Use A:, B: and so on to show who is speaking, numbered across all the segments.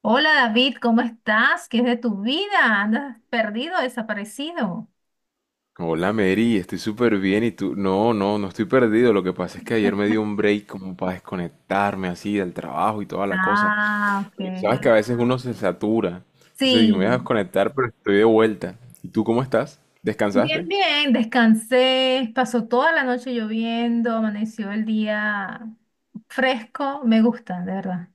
A: Hola David, ¿cómo estás? ¿Qué es de tu vida? ¿Andas perdido, desaparecido?
B: Hola Mary, estoy súper bien y tú, no, no, no estoy perdido. Lo que pasa es que ayer me dio un break como para desconectarme así del trabajo y toda la cosa.
A: Ah,
B: Porque sabes que
A: ok.
B: a veces uno se satura. Entonces dije, me voy a
A: Sí,
B: desconectar, pero estoy de vuelta. ¿Y tú cómo estás?
A: bien,
B: ¿Descansaste?
A: bien, descansé, pasó toda la noche lloviendo, amaneció el día fresco, me gusta, de verdad.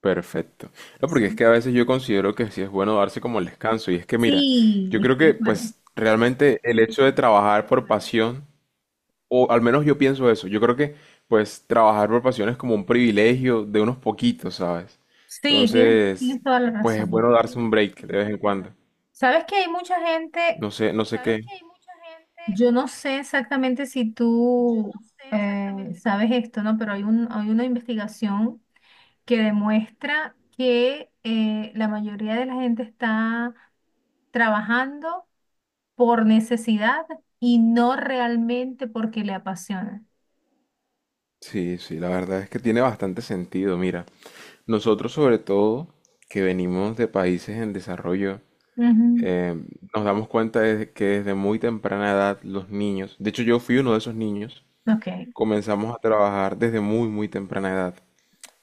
B: Perfecto. No, porque es
A: Sí,
B: que a veces yo considero que sí es bueno darse como el descanso. Y es que mira,
A: sí,
B: yo creo
A: estoy de
B: que
A: acuerdo.
B: pues realmente el hecho de trabajar por pasión. O al menos yo pienso eso. Yo creo que, pues, trabajar por pasión es como un privilegio de unos poquitos, ¿sabes?
A: Sí, tienes,
B: Entonces,
A: tienes toda la
B: pues es bueno
A: razón.
B: darse un break de vez en cuando.
A: Sabes que hay mucha gente,
B: No sé, no sé qué.
A: yo no sé exactamente si tú eh, sabes esto, ¿no? Pero hay una investigación que demuestra que la mayoría de la gente está trabajando por necesidad y no realmente porque le apasiona.
B: Sí, sí, la verdad es que tiene bastante sentido. Mira, nosotros sobre todo que venimos de países en desarrollo,
A: Ujú.
B: eh, nos damos cuenta de que desde muy temprana edad los niños, de hecho yo fui uno de esos niños,
A: Ok,
B: comenzamos a trabajar desde muy, muy temprana edad.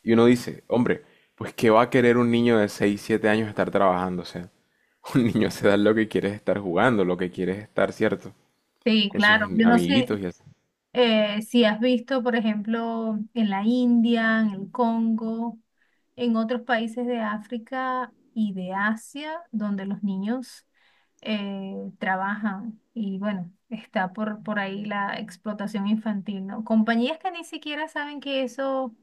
B: Y uno dice, hombre, pues ¿qué va a querer un niño de 6 7 años estar trabajando? O sea, un niño se da lo que quiere es estar jugando, lo que quiere es estar, ¿cierto?
A: sí,
B: Con sus
A: claro. Yo no sé,
B: amiguitos y así.
A: si has visto, por ejemplo, en la India, en el Congo, en otros países de África y de Asia, donde los niños trabajan. Y bueno, está por ahí la explotación infantil, ¿no? Compañías que ni siquiera saben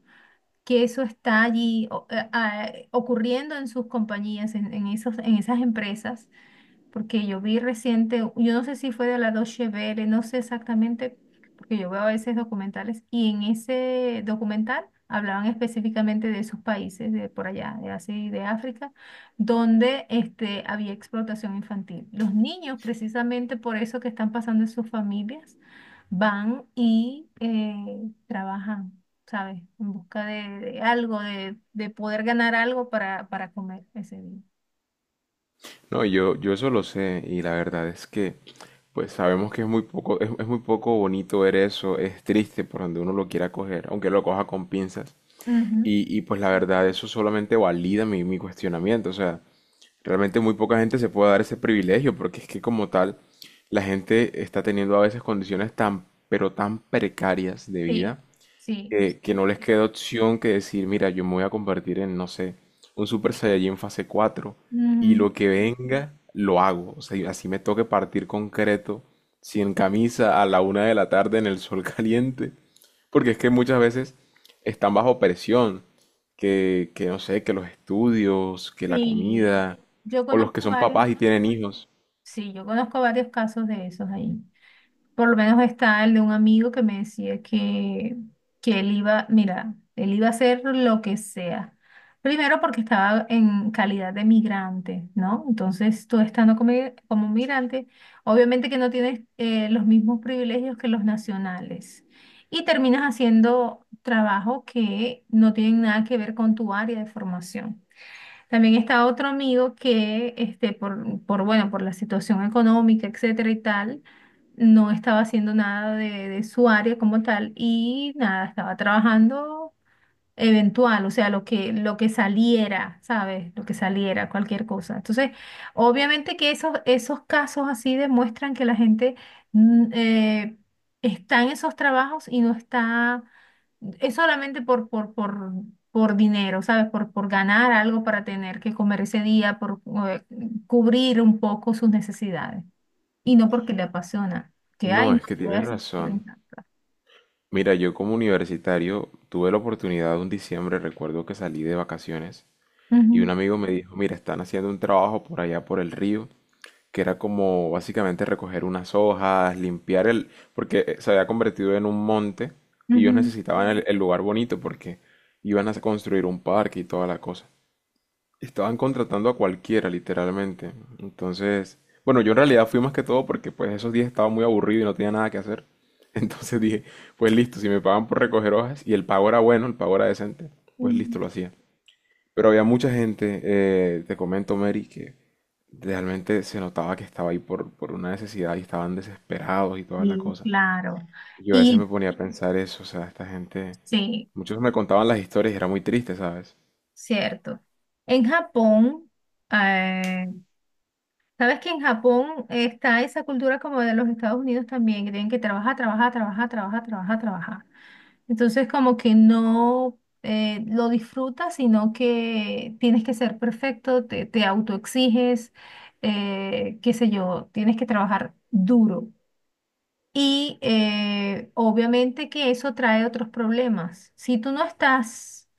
A: que eso está allí ocurriendo en sus compañías, en esos, en esas empresas, porque yo vi reciente, yo no sé si fue de la Deutsche Welle, no sé exactamente, porque yo veo a veces documentales y en ese documental hablaban específicamente de esos países de por allá, de Asia y de África, donde este, había explotación infantil. Los niños, precisamente por eso que están pasando en sus familias, van y trabajan. ¿Sabes? En busca de algo, de poder ganar algo para comer ese día.
B: No, yo eso lo sé y la verdad es que, pues sabemos que es muy poco, es muy poco bonito ver eso, es triste por donde uno lo quiera coger, aunque lo coja con pinzas.
A: Ujú,
B: Y pues la verdad, eso solamente valida mi cuestionamiento. O sea, realmente muy poca gente se puede dar ese privilegio porque es que como tal la gente está teniendo a veces condiciones tan, pero tan precarias de
A: sí,
B: vida
A: sí.
B: que no les queda opción que decir, mira, yo me voy a convertir en, no sé, un Super Saiyajin fase 4 y
A: Mm,
B: lo que venga, lo hago. O sea, y así me toque partir concreto, sin camisa, a la 1 de la tarde en el sol caliente. Porque es que muchas veces están bajo presión, que no sé, que los estudios, que la
A: sí,
B: comida,
A: yo
B: o los que
A: conozco
B: son
A: varios,
B: papás y tienen hijos.
A: sí, yo conozco varios casos de esos ahí. Por lo menos está el de un amigo que me decía que él iba, mira, él iba a hacer lo que sea. Primero porque estaba en calidad de migrante, ¿no? Entonces tú estando como migrante, obviamente que no tienes los mismos privilegios que los nacionales. Y terminas haciendo trabajo que no tienen nada que ver con tu área de formación. También está otro amigo que, este, bueno, por la situación económica, etcétera y tal, no estaba haciendo nada de su área como tal, y nada, estaba trabajando eventual, o sea, lo que saliera, ¿sabes? Lo que saliera, cualquier cosa. Entonces, obviamente que esos casos así demuestran que la gente mm, eh, está en esos trabajos y no está, es solamente por dinero, ¿sabes? Por por ganar algo para tener que comer ese día, por eh, cubrir un poco sus necesidades y no porque le apasiona. Que,
B: No,
A: ay, no,
B: es que
A: voy a
B: tienes
A: Hacer por
B: razón.
A: esta.
B: Mira, yo como universitario tuve la oportunidad un diciembre, recuerdo que salí de vacaciones y
A: Ujú,
B: un amigo me dijo, mira, están haciendo un trabajo por allá por el río, que era como básicamente recoger unas hojas, limpiar el, porque se había convertido en un monte y ellos
A: ujú,
B: necesitaban el lugar bonito porque iban a construir un parque y toda la cosa. Estaban contratando a cualquiera, literalmente. Entonces, bueno, yo en realidad fui más que todo porque pues esos días estaba muy aburrido y no tenía nada que hacer. Entonces dije, pues listo, si me pagan por recoger hojas y el pago era bueno, el pago era decente, pues
A: ujú.
B: listo, lo hacía. Pero había mucha gente, te comento, Mary, que realmente se notaba que estaba ahí por una necesidad y estaban desesperados y toda la
A: Y
B: cosa.
A: claro.
B: Yo a veces
A: Y
B: me ponía a pensar eso, o sea, esta gente,
A: sí,
B: muchos me contaban las historias y era muy triste, ¿sabes?
A: cierto. En Japón, eh, ¿sabes que en Japón está esa cultura como de los Estados Unidos también, que tienen que trabajar, trabajar, trabajar, trabajar, trabajar, trabajar? Entonces como que no lo disfrutas, sino que tienes que ser perfecto, te autoexiges, qué sé yo, tienes que trabajar duro. Y obviamente que eso trae otros problemas. Si tú no estás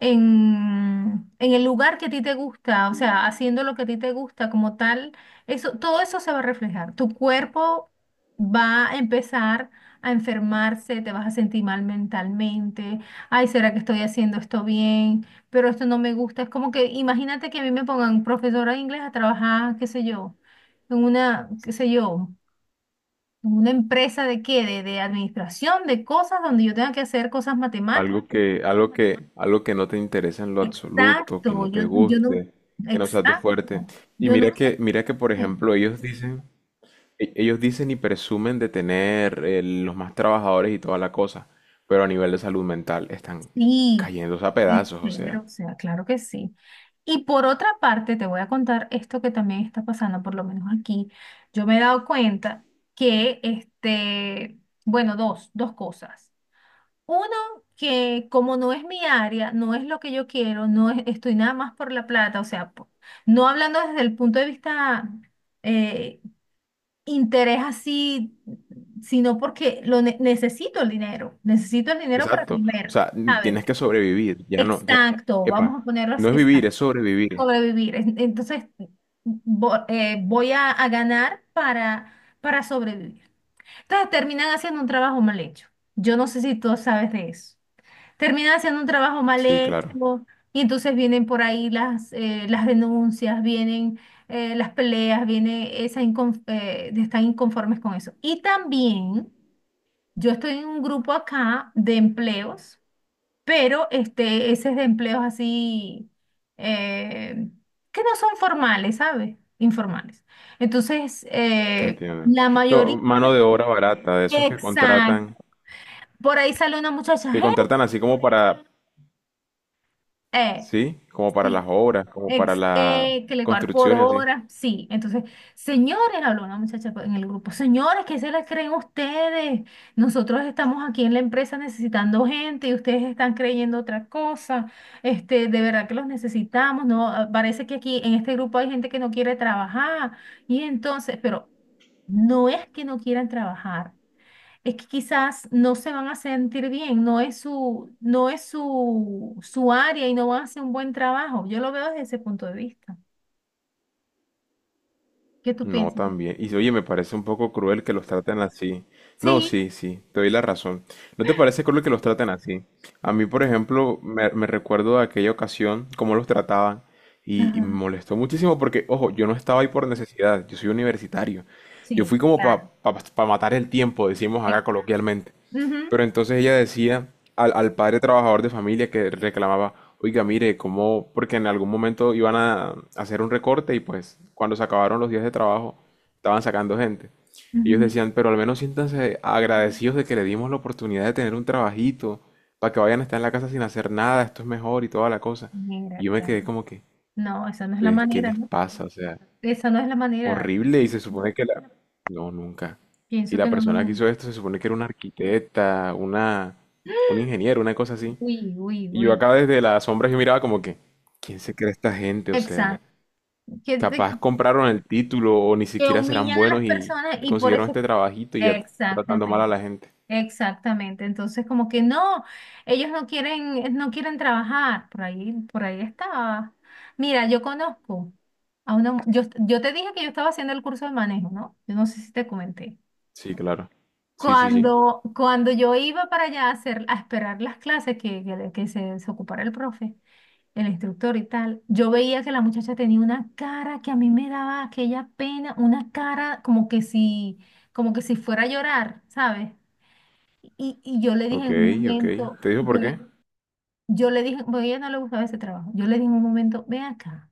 A: en el lugar que a ti te gusta, o sea, haciendo lo que a ti te gusta como tal, eso, todo eso se va a reflejar. Tu cuerpo va a empezar a enfermarse, te vas a sentir mal mentalmente, ay, ¿será que estoy haciendo esto bien? Pero esto no me gusta. Es como que, imagínate que a mí me pongan profesora de inglés a trabajar, qué sé yo, en una, qué sé yo, en una empresa de qué, de administración, de cosas donde yo tenga que hacer cosas matemáticas.
B: Algo que no te interesa en lo absoluto, que
A: Exacto,
B: no te
A: yo no,
B: guste, que no sea tu fuerte.
A: exacto,
B: Y
A: yo
B: mira
A: nunca,
B: que, mira que, por ejemplo, ellos dicen, ellos dicen y presumen de tener los más trabajadores y toda la cosa, pero a nivel de salud mental están
A: sí,
B: cayéndose a
A: es
B: pedazos, o sea,
A: cero, o sea, claro que sí. Y por otra parte, te voy a contar esto que también está pasando, por lo menos aquí, yo me he dado cuenta que, este, bueno, dos cosas. Uno, que como no es mi área, no es lo que yo quiero, estoy nada más por la plata, o sea, no hablando desde el punto de vista eh, interés así, sino porque necesito el dinero para
B: exacto. O
A: comer,
B: sea,
A: ¿sabes?
B: tienes que sobrevivir, ya no, ya,
A: Exacto, vamos a
B: epa,
A: ponerlo
B: no
A: así,
B: es vivir,
A: exacto,
B: es sobrevivir.
A: sobrevivir. Entonces, voy a ganar para sobrevivir. Entonces, terminan haciendo un trabajo mal hecho. Yo no sé si tú sabes de eso, termina haciendo un trabajo mal
B: Sí, claro,
A: hecho, y entonces vienen por ahí las denuncias, vienen las peleas, viene esa de estar inconformes con eso. Y también yo estoy en un grupo acá de empleos, pero este, ese es de empleos así eh, que no son formales, ¿sabes? Informales. Entonces,
B: te entiendo.
A: la
B: No,
A: mayoría,
B: mano de obra barata, de esos
A: exacto, por ahí sale una muchacha,
B: que
A: "Hey,
B: contratan así como para,
A: eh,
B: sí, como para las
A: sí,
B: obras, como para la
A: Que le cobrar por
B: construcción y así.
A: hora, sí. Entonces, señores, habló una muchacha en el grupo, señores, ¿qué se les creen ustedes? Nosotros estamos aquí en la empresa necesitando gente y ustedes están creyendo otra cosa. Este, de verdad que los necesitamos, ¿no? Ah, parece que aquí en este grupo hay gente que no quiere trabajar. Y entonces, pero no es que no quieran trabajar, es que quizás no se van a sentir bien, no es su su área, y no van a hacer un buen trabajo. Yo lo veo desde ese punto de vista. ¿Qué tú
B: No,
A: piensas?
B: también. Y oye, me parece un poco cruel que los traten así. No,
A: Sí,
B: sí, sí, te doy la razón. ¿No te parece cruel que los traten así? A mí, por ejemplo, me recuerdo de aquella ocasión, cómo los trataban, y me
A: ajá,
B: molestó muchísimo porque, ojo, yo no estaba ahí por necesidad, yo soy universitario. Yo
A: sí,
B: fui como para
A: claro.
B: matar el tiempo, decimos
A: Eh,
B: acá coloquialmente.
A: ujú,
B: Pero entonces ella decía al, al padre trabajador de familia que reclamaba, oiga, mire, cómo, porque en algún momento iban a hacer un recorte y pues cuando se acabaron los días de trabajo estaban sacando gente. Ellos
A: ujú.
B: decían, pero al menos siéntanse agradecidos de que le dimos la oportunidad de tener un trabajito, para que vayan a estar en la casa sin hacer nada, esto es mejor y toda la cosa.
A: Mira
B: Y yo me
A: acá.
B: quedé como que,
A: No, esa no es la
B: "¿Ustedes qué
A: manera,
B: les
A: ¿no?
B: pasa?". O sea,
A: Esa no es la manera.
B: horrible, y se supone que la... No, nunca. Y
A: Pienso que
B: la
A: no. No,
B: persona que
A: no.
B: hizo esto se supone que era una arquitecta, una, un ingeniero, una cosa así.
A: Uy, uy,
B: Y yo
A: uy.
B: acá desde las sombras yo miraba como que, ¿quién se cree esta gente? O sea,
A: Exacto. Que, te-
B: capaz compraron el título o ni
A: que
B: siquiera serán
A: humillan a
B: buenos
A: las
B: y
A: personas y por
B: consiguieron
A: eso.
B: este trabajito y ya tratando mal a
A: Exactamente.
B: la gente.
A: Exactamente, entonces como que no, ellos no quieren, no quieren trabajar, por ahí estaba. Mira, yo conozco a una, yo te dije que yo estaba haciendo el curso de manejo, ¿no? Yo no sé si te comenté.
B: Sí, claro. Sí, sí, sí.
A: Cuando yo iba para allá a hacer, a esperar las clases que se ocupara el profe, el instructor y tal, yo veía que la muchacha tenía una cara que a mí me daba aquella pena, una cara como que si fuera a llorar, ¿sabes? Y yo le dije en
B: Ok,
A: un
B: ok.
A: momento,
B: ¿Te dijo por qué?
A: yo le dije, bueno, a ella no le gustaba ese trabajo. Yo le dije en un momento, ven acá,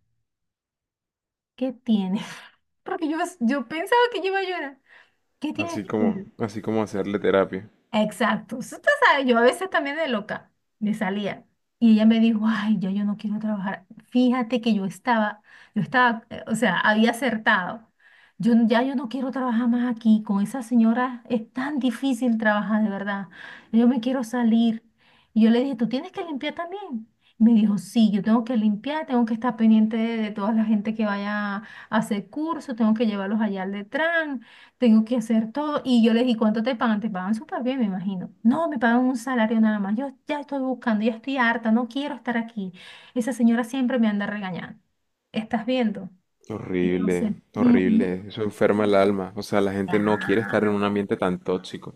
A: ¿qué tienes? Porque yo pensaba que yo iba a llorar. ¿Qué tienes tú?
B: Así como hacerle terapia.
A: Exacto. Tú sabes, yo a veces también de loca me salía. Y ella me dijo, ay, ya yo no quiero trabajar. Fíjate que yo estaba, o sea, había acertado. Ya yo no quiero trabajar más aquí. Con esa señora es tan difícil trabajar, de verdad. Yo me quiero salir. Y yo le dije, tú tienes que limpiar también. Me dijo, sí, yo tengo que limpiar, tengo que estar pendiente de toda la gente que vaya a hacer curso, tengo que llevarlos allá al Detran, tengo que hacer todo. Y yo les di, ¿cuánto te pagan? Te pagan súper bien, me imagino. No, me pagan un salario nada más. Yo ya estoy buscando, ya estoy harta, no quiero estar aquí. Esa señora siempre me anda regañando. ¿Estás viendo? Entonces,
B: Horrible,
A: ujú,
B: horrible, eso enferma el alma, o sea, la gente no quiere estar en un
A: claro,
B: ambiente tan tóxico.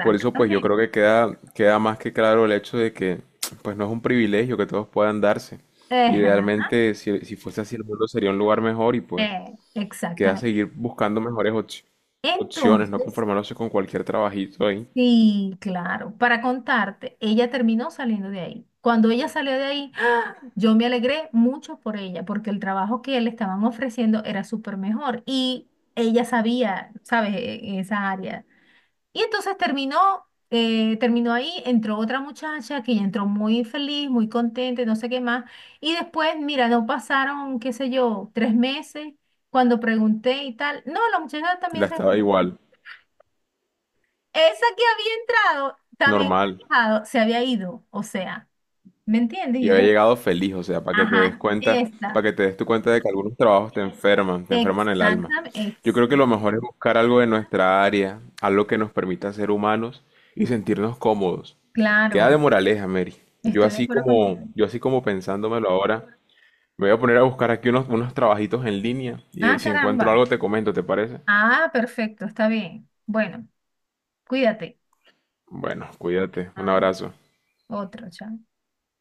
B: Por eso, pues yo creo que queda, queda más que claro el hecho de que, pues no es un privilegio que todos puedan darse.
A: Ajá,
B: Idealmente, si fuese así, el mundo sería un lugar mejor y pues queda
A: exactamente.
B: seguir buscando mejores opciones, no
A: Entonces,
B: conformarse con cualquier trabajito ahí.
A: sí, claro, para contarte, ella terminó saliendo de ahí. Cuando ella salió de ahí, yo me alegré mucho por ella, porque el trabajo que le estaban ofreciendo era súper mejor y ella sabía, ¿sabes?, en esa área. Y entonces terminó, terminó ahí, entró otra muchacha que ya entró muy feliz, muy contenta, y no sé qué más. Y después, mira, no pasaron, qué sé yo, tres meses cuando pregunté y tal. No, la muchacha
B: La
A: también se
B: estaba
A: fue.
B: igual,
A: Esa que había entrado, también
B: normal.
A: había entrado, se había ido, o sea, ¿me entiendes?
B: Y
A: Yo
B: había
A: dije,
B: llegado feliz, o sea, para que te des
A: ajá,
B: cuenta,
A: esta.
B: para que te des tu cuenta de que algunos trabajos te enferman el alma.
A: Exactamente,
B: Yo creo que lo mejor es buscar algo de nuestra área, algo que nos permita ser humanos y sentirnos cómodos. Queda de
A: claro,
B: moraleja, Mary.
A: estoy de acuerdo contigo.
B: Yo así como pensándomelo ahora, me voy a poner a buscar aquí unos, unos trabajitos en línea y
A: Ah,
B: si encuentro
A: caramba.
B: algo te comento, ¿te parece?
A: Ah, perfecto, está bien. Bueno, cuídate.
B: Bueno, cuídate, un
A: Ah,
B: abrazo.
A: otro, chao.